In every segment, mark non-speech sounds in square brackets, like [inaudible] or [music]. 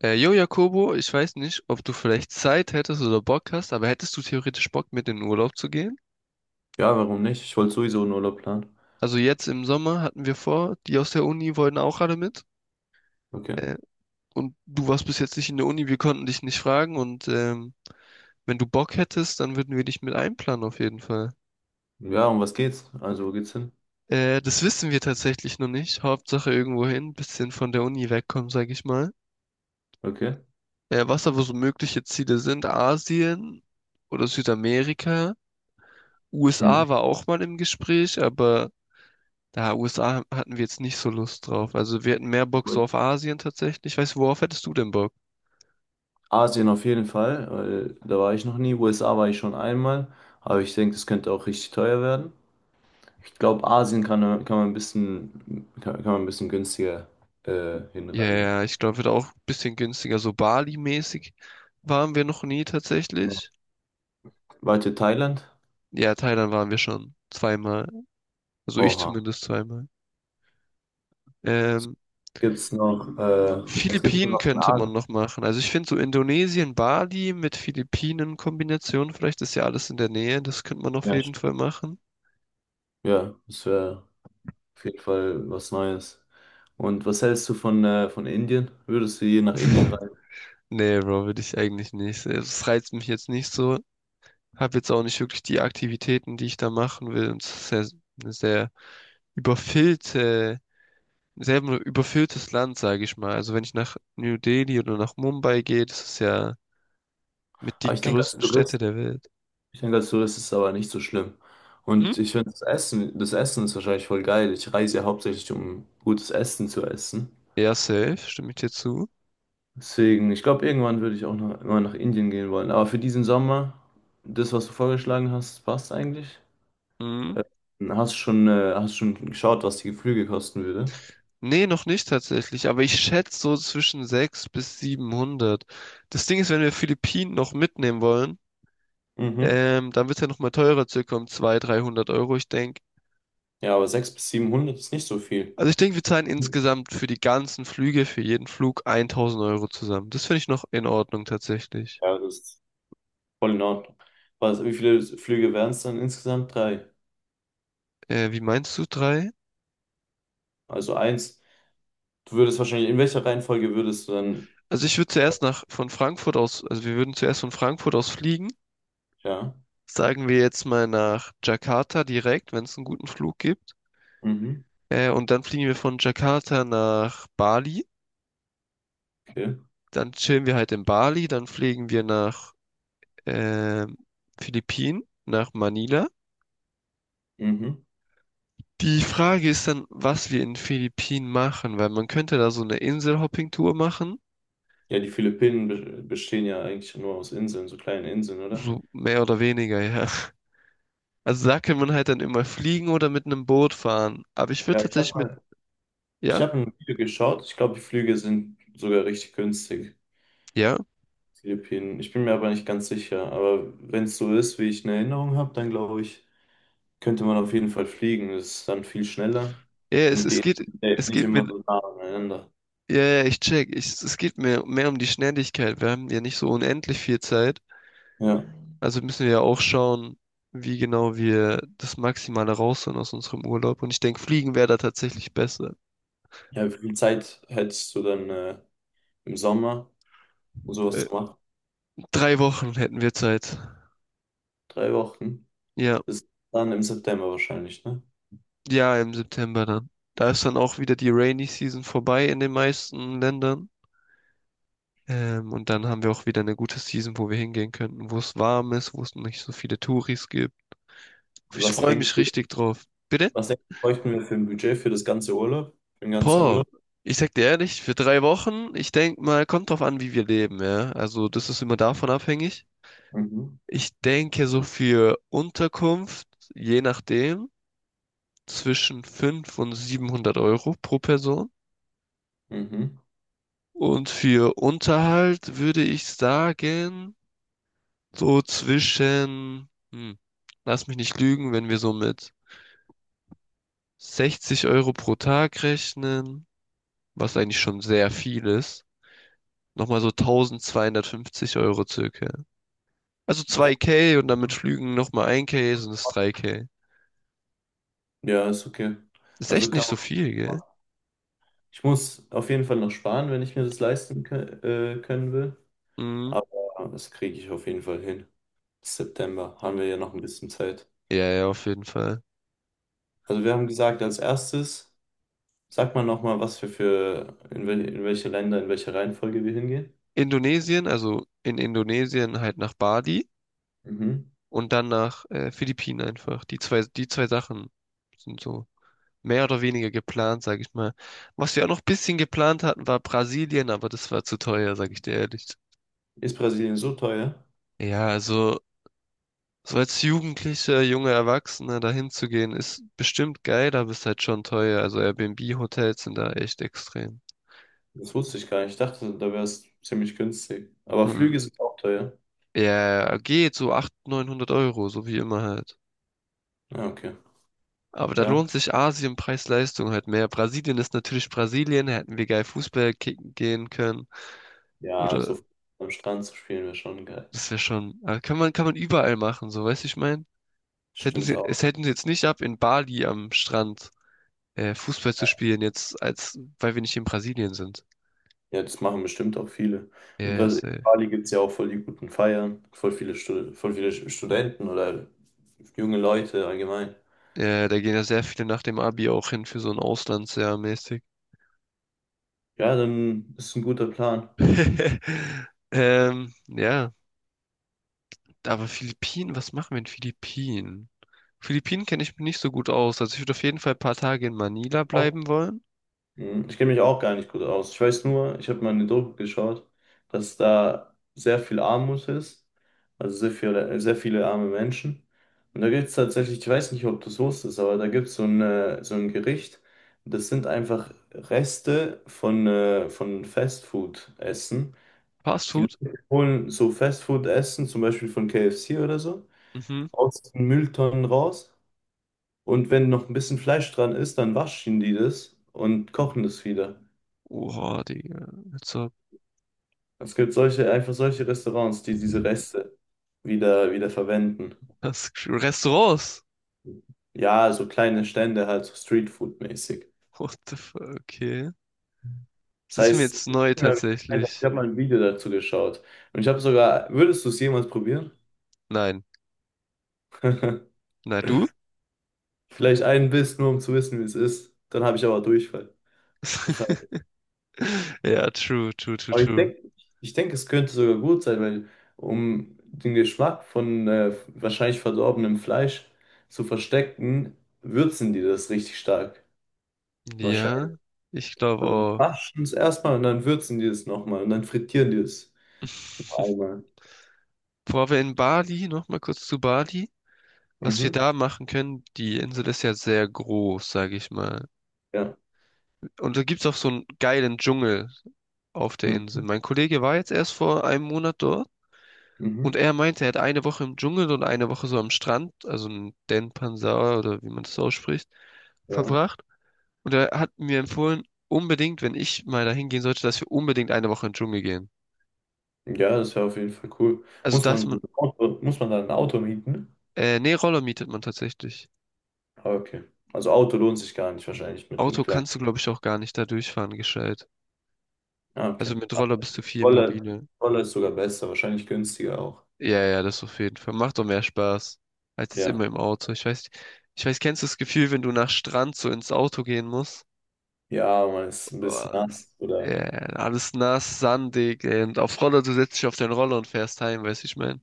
Jo, Jakobo, ich weiß nicht, ob du vielleicht Zeit hättest oder Bock hast, aber hättest du theoretisch Bock, mit in den Urlaub zu gehen? Ja, warum nicht? Ich wollte sowieso einen Urlaub planen. Also jetzt im Sommer hatten wir vor, die aus der Uni wollten auch alle mit. Okay. Äh, und du warst bis jetzt nicht in der Uni, wir konnten dich nicht fragen. Und wenn du Bock hättest, dann würden wir dich mit einplanen auf jeden Fall. Ja, um was geht's? Also, wo geht's hin? Das wissen wir tatsächlich noch nicht. Hauptsache irgendwo hin, bisschen von der Uni wegkommen, sag ich mal. Okay. Was aber so mögliche Ziele sind, Asien oder Südamerika. Mhm. USA war auch mal im Gespräch, aber da USA hatten wir jetzt nicht so Lust drauf. Also wir hatten mehr Bock so auf Asien tatsächlich. Ich weiß, worauf hättest du denn Bock? Asien auf jeden Fall, weil da war ich noch nie. USA war ich schon einmal, aber ich denke, das könnte auch richtig teuer werden. Ich glaube, Asien kann man ein bisschen, kann man ein bisschen günstiger Ja, hinreisen. ja, ich glaube, wird auch ein bisschen günstiger. So Bali-mäßig waren wir noch nie Ja. tatsächlich. Weiter Thailand? Ja, Thailand waren wir schon zweimal. Also ich Oha. zumindest zweimal. Ähm, Gibt's noch, äh, Was gibt's denn Philippinen noch in könnte man Asien? noch machen. Also ich finde so Indonesien, Bali mit Philippinen-Kombination, vielleicht ist ja alles in der Nähe, das könnte man auf Ja, jeden Fall st- machen. ja, das wäre auf jeden Fall was Neues. Und was hältst du von Indien? Würdest du je nach Indien [laughs] reisen? Nee, Bro, will ich eigentlich nicht. Es reizt mich jetzt nicht so. Habe jetzt auch nicht wirklich die Aktivitäten, die ich da machen will. Und es ist ja eine sehr überfüllte, ein sehr überfülltes Land, sage ich mal. Also wenn ich nach New Delhi oder nach Mumbai gehe, das ist ja mit Aber die ich denke, als größten Städte Tourist, der Welt. Ich denke, als Tourist ist es aber nicht so schlimm. Hm? Und ich finde, das Essen ist wahrscheinlich voll geil. Ich reise ja hauptsächlich, um gutes Essen zu essen. Ja, safe, stimme ich dir zu. Deswegen, ich glaube, irgendwann würde ich auch noch mal nach Indien gehen wollen. Aber für diesen Sommer, das, was du vorgeschlagen hast, passt eigentlich. Hm? Äh, hast schon geschaut, was die Flüge kosten würde? Nee, noch nicht tatsächlich, aber ich schätze so zwischen 600 bis 700. Das Ding ist, wenn wir Philippinen noch mitnehmen wollen, Mhm. Dann wird es ja nochmal teurer, circa um 200, 300 Euro. Ich denke, Ja, aber 600 bis 700 ist nicht so viel. Also ich denke, wir zahlen insgesamt für die ganzen Flüge, für jeden Flug 1000 Euro zusammen. Das finde ich noch in Ordnung tatsächlich. Ja, das Voll in Ordnung. Was, wie viele Flüge wären es dann insgesamt? Drei. Wie meinst du drei? Also eins. Du würdest wahrscheinlich, in welcher Reihenfolge würdest du dann, Also ich würde zuerst nach von Frankfurt aus, also wir würden zuerst von Frankfurt aus fliegen. ja, Sagen wir jetzt mal nach Jakarta direkt, wenn es einen guten Flug gibt. mhm, Und dann fliegen wir von Jakarta nach Bali. okay, Dann chillen wir halt in Bali. Dann fliegen wir nach ähm, Philippinen, nach Manila. mhm. Die Frage ist dann, was wir in den Philippinen machen, weil man könnte da so eine Inselhopping-Tour machen. Ja, die Philippinen bestehen ja eigentlich nur aus Inseln, so kleinen Inseln, oder? So mehr oder weniger, ja. Also da kann man halt dann immer fliegen oder mit einem Boot fahren. Aber ich würde Ja, ich habe tatsächlich mit, mal, ich ja, habe ein Video geschaut. Ich glaube, die Flüge sind sogar richtig günstig. ja, Philippinen. Ich bin mir aber nicht ganz sicher. Aber wenn es so ist, wie ich eine Erinnerung habe, dann glaube ich, könnte man auf jeden Fall fliegen. Das ist dann viel schneller ja, und die sind es nicht geht immer mir, so nah aneinander. ja, ja, ich check, es geht mir mehr um die Schnelligkeit. Wir haben ja nicht so unendlich viel Zeit. Ja. Also müssen wir ja auch schauen, wie genau wir das Maximale rausholen aus unserem Urlaub. Und ich denke, fliegen wäre da tatsächlich besser. Ja, wie viel Zeit hättest du dann im Sommer, um sowas Äh, zu machen? 3 Wochen hätten wir Zeit. 3 Wochen? Ja. Das ist dann im September wahrscheinlich, ne? Ja, im September dann. Da ist dann auch wieder die Rainy Season vorbei in den meisten Ländern. Und dann haben wir auch wieder eine gute Season, wo wir hingehen könnten, wo es warm ist, wo es nicht so viele Touris gibt. Und Ich freue mich richtig drauf. Bitte? was denkst du, bräuchten wir für ein Budget für das ganze Urlaub? Für den ganzen Boah, Urlaub? ich sag dir ehrlich, für 3 Wochen, ich denk mal, kommt drauf an, wie wir leben, ja. Also das ist immer davon abhängig. Mhm. Ich denke so für Unterkunft, je nachdem, zwischen 5 und 700 Euro pro Person. Mhm. Und für Unterhalt würde ich sagen, so zwischen, lass mich nicht lügen, wenn wir so mit 60 Euro pro Tag rechnen, was eigentlich schon sehr viel ist, nochmal so 1250 Euro circa. Also Ja. 2K und dann mit Flügen nochmal 1K, sind es 3K. Ja, ist okay. Ist Also echt nicht kann so viel, man gell? machen. Ich muss auf jeden Fall noch sparen, wenn ich mir das können will. Mhm. Aber das kriege ich auf jeden Fall hin. September haben wir ja noch ein bisschen Zeit. Ja, ja, auf jeden Fall. Also wir haben gesagt, als erstes. Sag mal nochmal, was wir für, in welche Länder, in welche Reihenfolge wir hingehen. Indonesien, also in Indonesien halt nach Bali. Mhm. Und dann nach Philippinen einfach. Die zwei Sachen sind so mehr oder weniger geplant, sage ich mal. Was wir auch noch ein bisschen geplant hatten, war Brasilien, aber das war zu teuer, sage ich dir ehrlich. Ist Brasilien so teuer? Ja, also so als Jugendlicher, junger Erwachsener dahin zu gehen, ist bestimmt geil, aber ist halt schon teuer. Also Airbnb-Hotels sind da echt extrem. Das wusste ich gar nicht. Ich dachte, da wäre es ziemlich günstig. Aber Flüge Und, sind auch teuer. ja, geht so 800, 900 Euro, so wie immer halt. Ah, okay. Aber da Ja. lohnt sich Asien Preis-Leistung halt mehr. Brasilien ist natürlich Brasilien, da hätten wir geil Fußball kicken gehen können. Ja, Oder so am Strand zu spielen wäre schon geil. das wäre schon, kann man überall machen, so, weißt du, ich meine? Es hätten Stimmt sie, es auch. hätten sie jetzt nicht ab, in Bali am Strand Fußball zu spielen, jetzt als, weil wir nicht in Brasilien sind. Ja, das machen bestimmt auch viele. Ja, ja, In safe. Bali gibt es ja auch voll die guten Feiern, voll viele, Stud voll viele Studenten oder junge Leute allgemein. Ja, da gehen ja sehr viele nach dem Abi auch hin für so ein Auslandsjahr mäßig. Ja, dann ist ein guter Plan. [laughs] Ja. Aber Philippinen, was machen wir in Philippinen? Philippinen kenne ich mich nicht so gut aus. Also ich würde auf jeden Fall ein paar Tage in Manila bleiben wollen. Hm, ich kenne mich auch gar nicht gut aus. Ich weiß nur, ich habe mal eine Doku geschaut, dass da sehr viel Armut ist, also sehr viele arme Menschen. Und da gibt es tatsächlich, ich weiß nicht, ob du es wusstest, aber da gibt es so ein Gericht, das sind einfach Reste von Fastfood-Essen. Fast Die Food? Leute holen so Fastfood-Essen, zum Beispiel von KFC oder so, Mhm. aus den Mülltonnen raus. Und wenn noch ein bisschen Fleisch dran ist, dann waschen die das und kochen das wieder. Oha, Digga. Jetzt so Es gibt solche, einfach solche Restaurants, die diese Reste wieder verwenden. das Restaurants. Ja, so kleine Stände halt, so Streetfood-mäßig. What the fuck, okay. Das Das ist mir heißt, jetzt ich neu tatsächlich. habe mal ein Video dazu geschaut. Und ich habe sogar, würdest du es jemals probieren? Nein. [laughs] Na du? Vielleicht einen Biss, nur um zu wissen, wie es ist. Dann habe ich aber Durchfall. Wahrscheinlich. [laughs] Ja, true, true, true, Aber true. Ich denke, es könnte sogar gut sein, weil um den Geschmack von wahrscheinlich verdorbenem Fleisch zu verstecken, würzen die das richtig stark. Ja, Wahrscheinlich. ich glaube Also auch. waschen es erstmal und dann würzen die es nochmal und dann frittieren die es [laughs] einmal. Bevor wir in Bali, nochmal kurz zu Bali. Was wir Mhm. da machen können, die Insel ist ja sehr groß, sage ich mal. Ja. Und da gibt's auch so einen geilen Dschungel auf der Insel. Mhm. Mein Kollege war jetzt erst vor einem Monat dort und Mhm. er meinte, er hat eine Woche im Dschungel und eine Woche so am Strand, also in Denpasar oder wie man das ausspricht, Ja. verbracht. Und er hat mir empfohlen, unbedingt, wenn ich mal dahin gehen sollte, dass wir unbedingt eine Woche in den Dschungel gehen. Ja, das wäre auf jeden Fall cool. Also dass man, Muss man dann ein Auto mieten? Nee, Roller mietet man tatsächlich. Ah, okay. Also Auto lohnt sich gar nicht wahrscheinlich mit einem Auto kleinen. kannst du, glaube ich, auch gar nicht da durchfahren gescheit. Ah, Also okay. mit Aber Roller bist du viel Roller, mobiler. Roller ist sogar besser, wahrscheinlich günstiger auch. Ja, ja, das auf jeden Fall. Macht doch mehr Spaß als jetzt Ja. immer im Auto. Ich weiß, kennst du das Gefühl, wenn du nach Strand so ins Auto gehen musst? Ja, man ist ein bisschen Boah, das, nass ja, oder alles nass, sandig, ey. Und auf Roller, du setzt dich auf den Roller und fährst heim, weißt du, ich mein.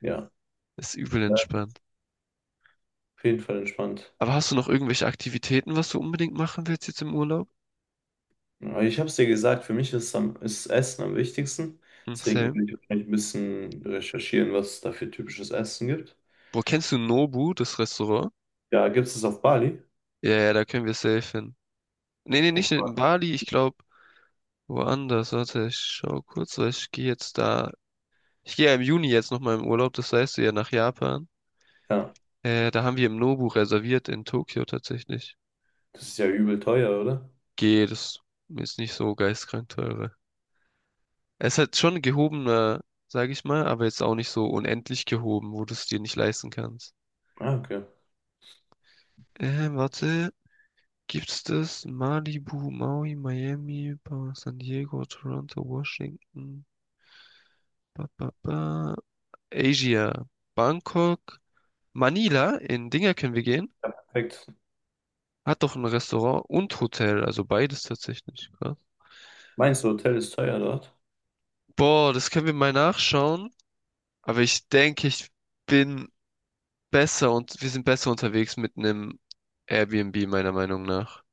ja. Ist übel Ja, entspannt. auf jeden Fall entspannt. Aber hast du noch irgendwelche Aktivitäten, was du unbedingt machen willst jetzt im Urlaub? Aber ich habe es dir gesagt, für mich ist, am, ist Essen am wichtigsten. Hm, Deswegen same. will ich wahrscheinlich ein bisschen recherchieren, was es da für typisches Essen gibt. Bro, kennst du Nobu, das Restaurant? Ja, gibt es es auf Bali? Ja, ja, da können wir safe hin. Nee, nee, nicht in Oh, Bali, ich glaube. Woanders, warte, ich schau kurz, weil ich gehe jetzt da. Ich gehe ja im Juni jetzt nochmal im Urlaub, das heißt ja nach Japan. ja, Da haben wir im Nobu reserviert in Tokio tatsächlich. das ist ja übel teuer, oder? Geht, das ist nicht so geisteskrank teurer. Es hat schon gehobener, sage ich mal, aber jetzt auch nicht so unendlich gehoben, wo du es dir nicht leisten kannst. Ah, okay. Warte, gibt's das? Malibu, Maui, Miami, San Diego, Toronto, Washington. Ba, ba, ba. Asia, Bangkok, Manila, in Dinger können wir gehen. Ja, perfekt. Hat doch ein Restaurant und Hotel, also beides tatsächlich. Krass. Meinst du, Hotel ist teuer dort? Boah, das können wir mal nachschauen. Aber ich denke, ich bin besser und wir sind besser unterwegs mit einem Airbnb, meiner Meinung nach.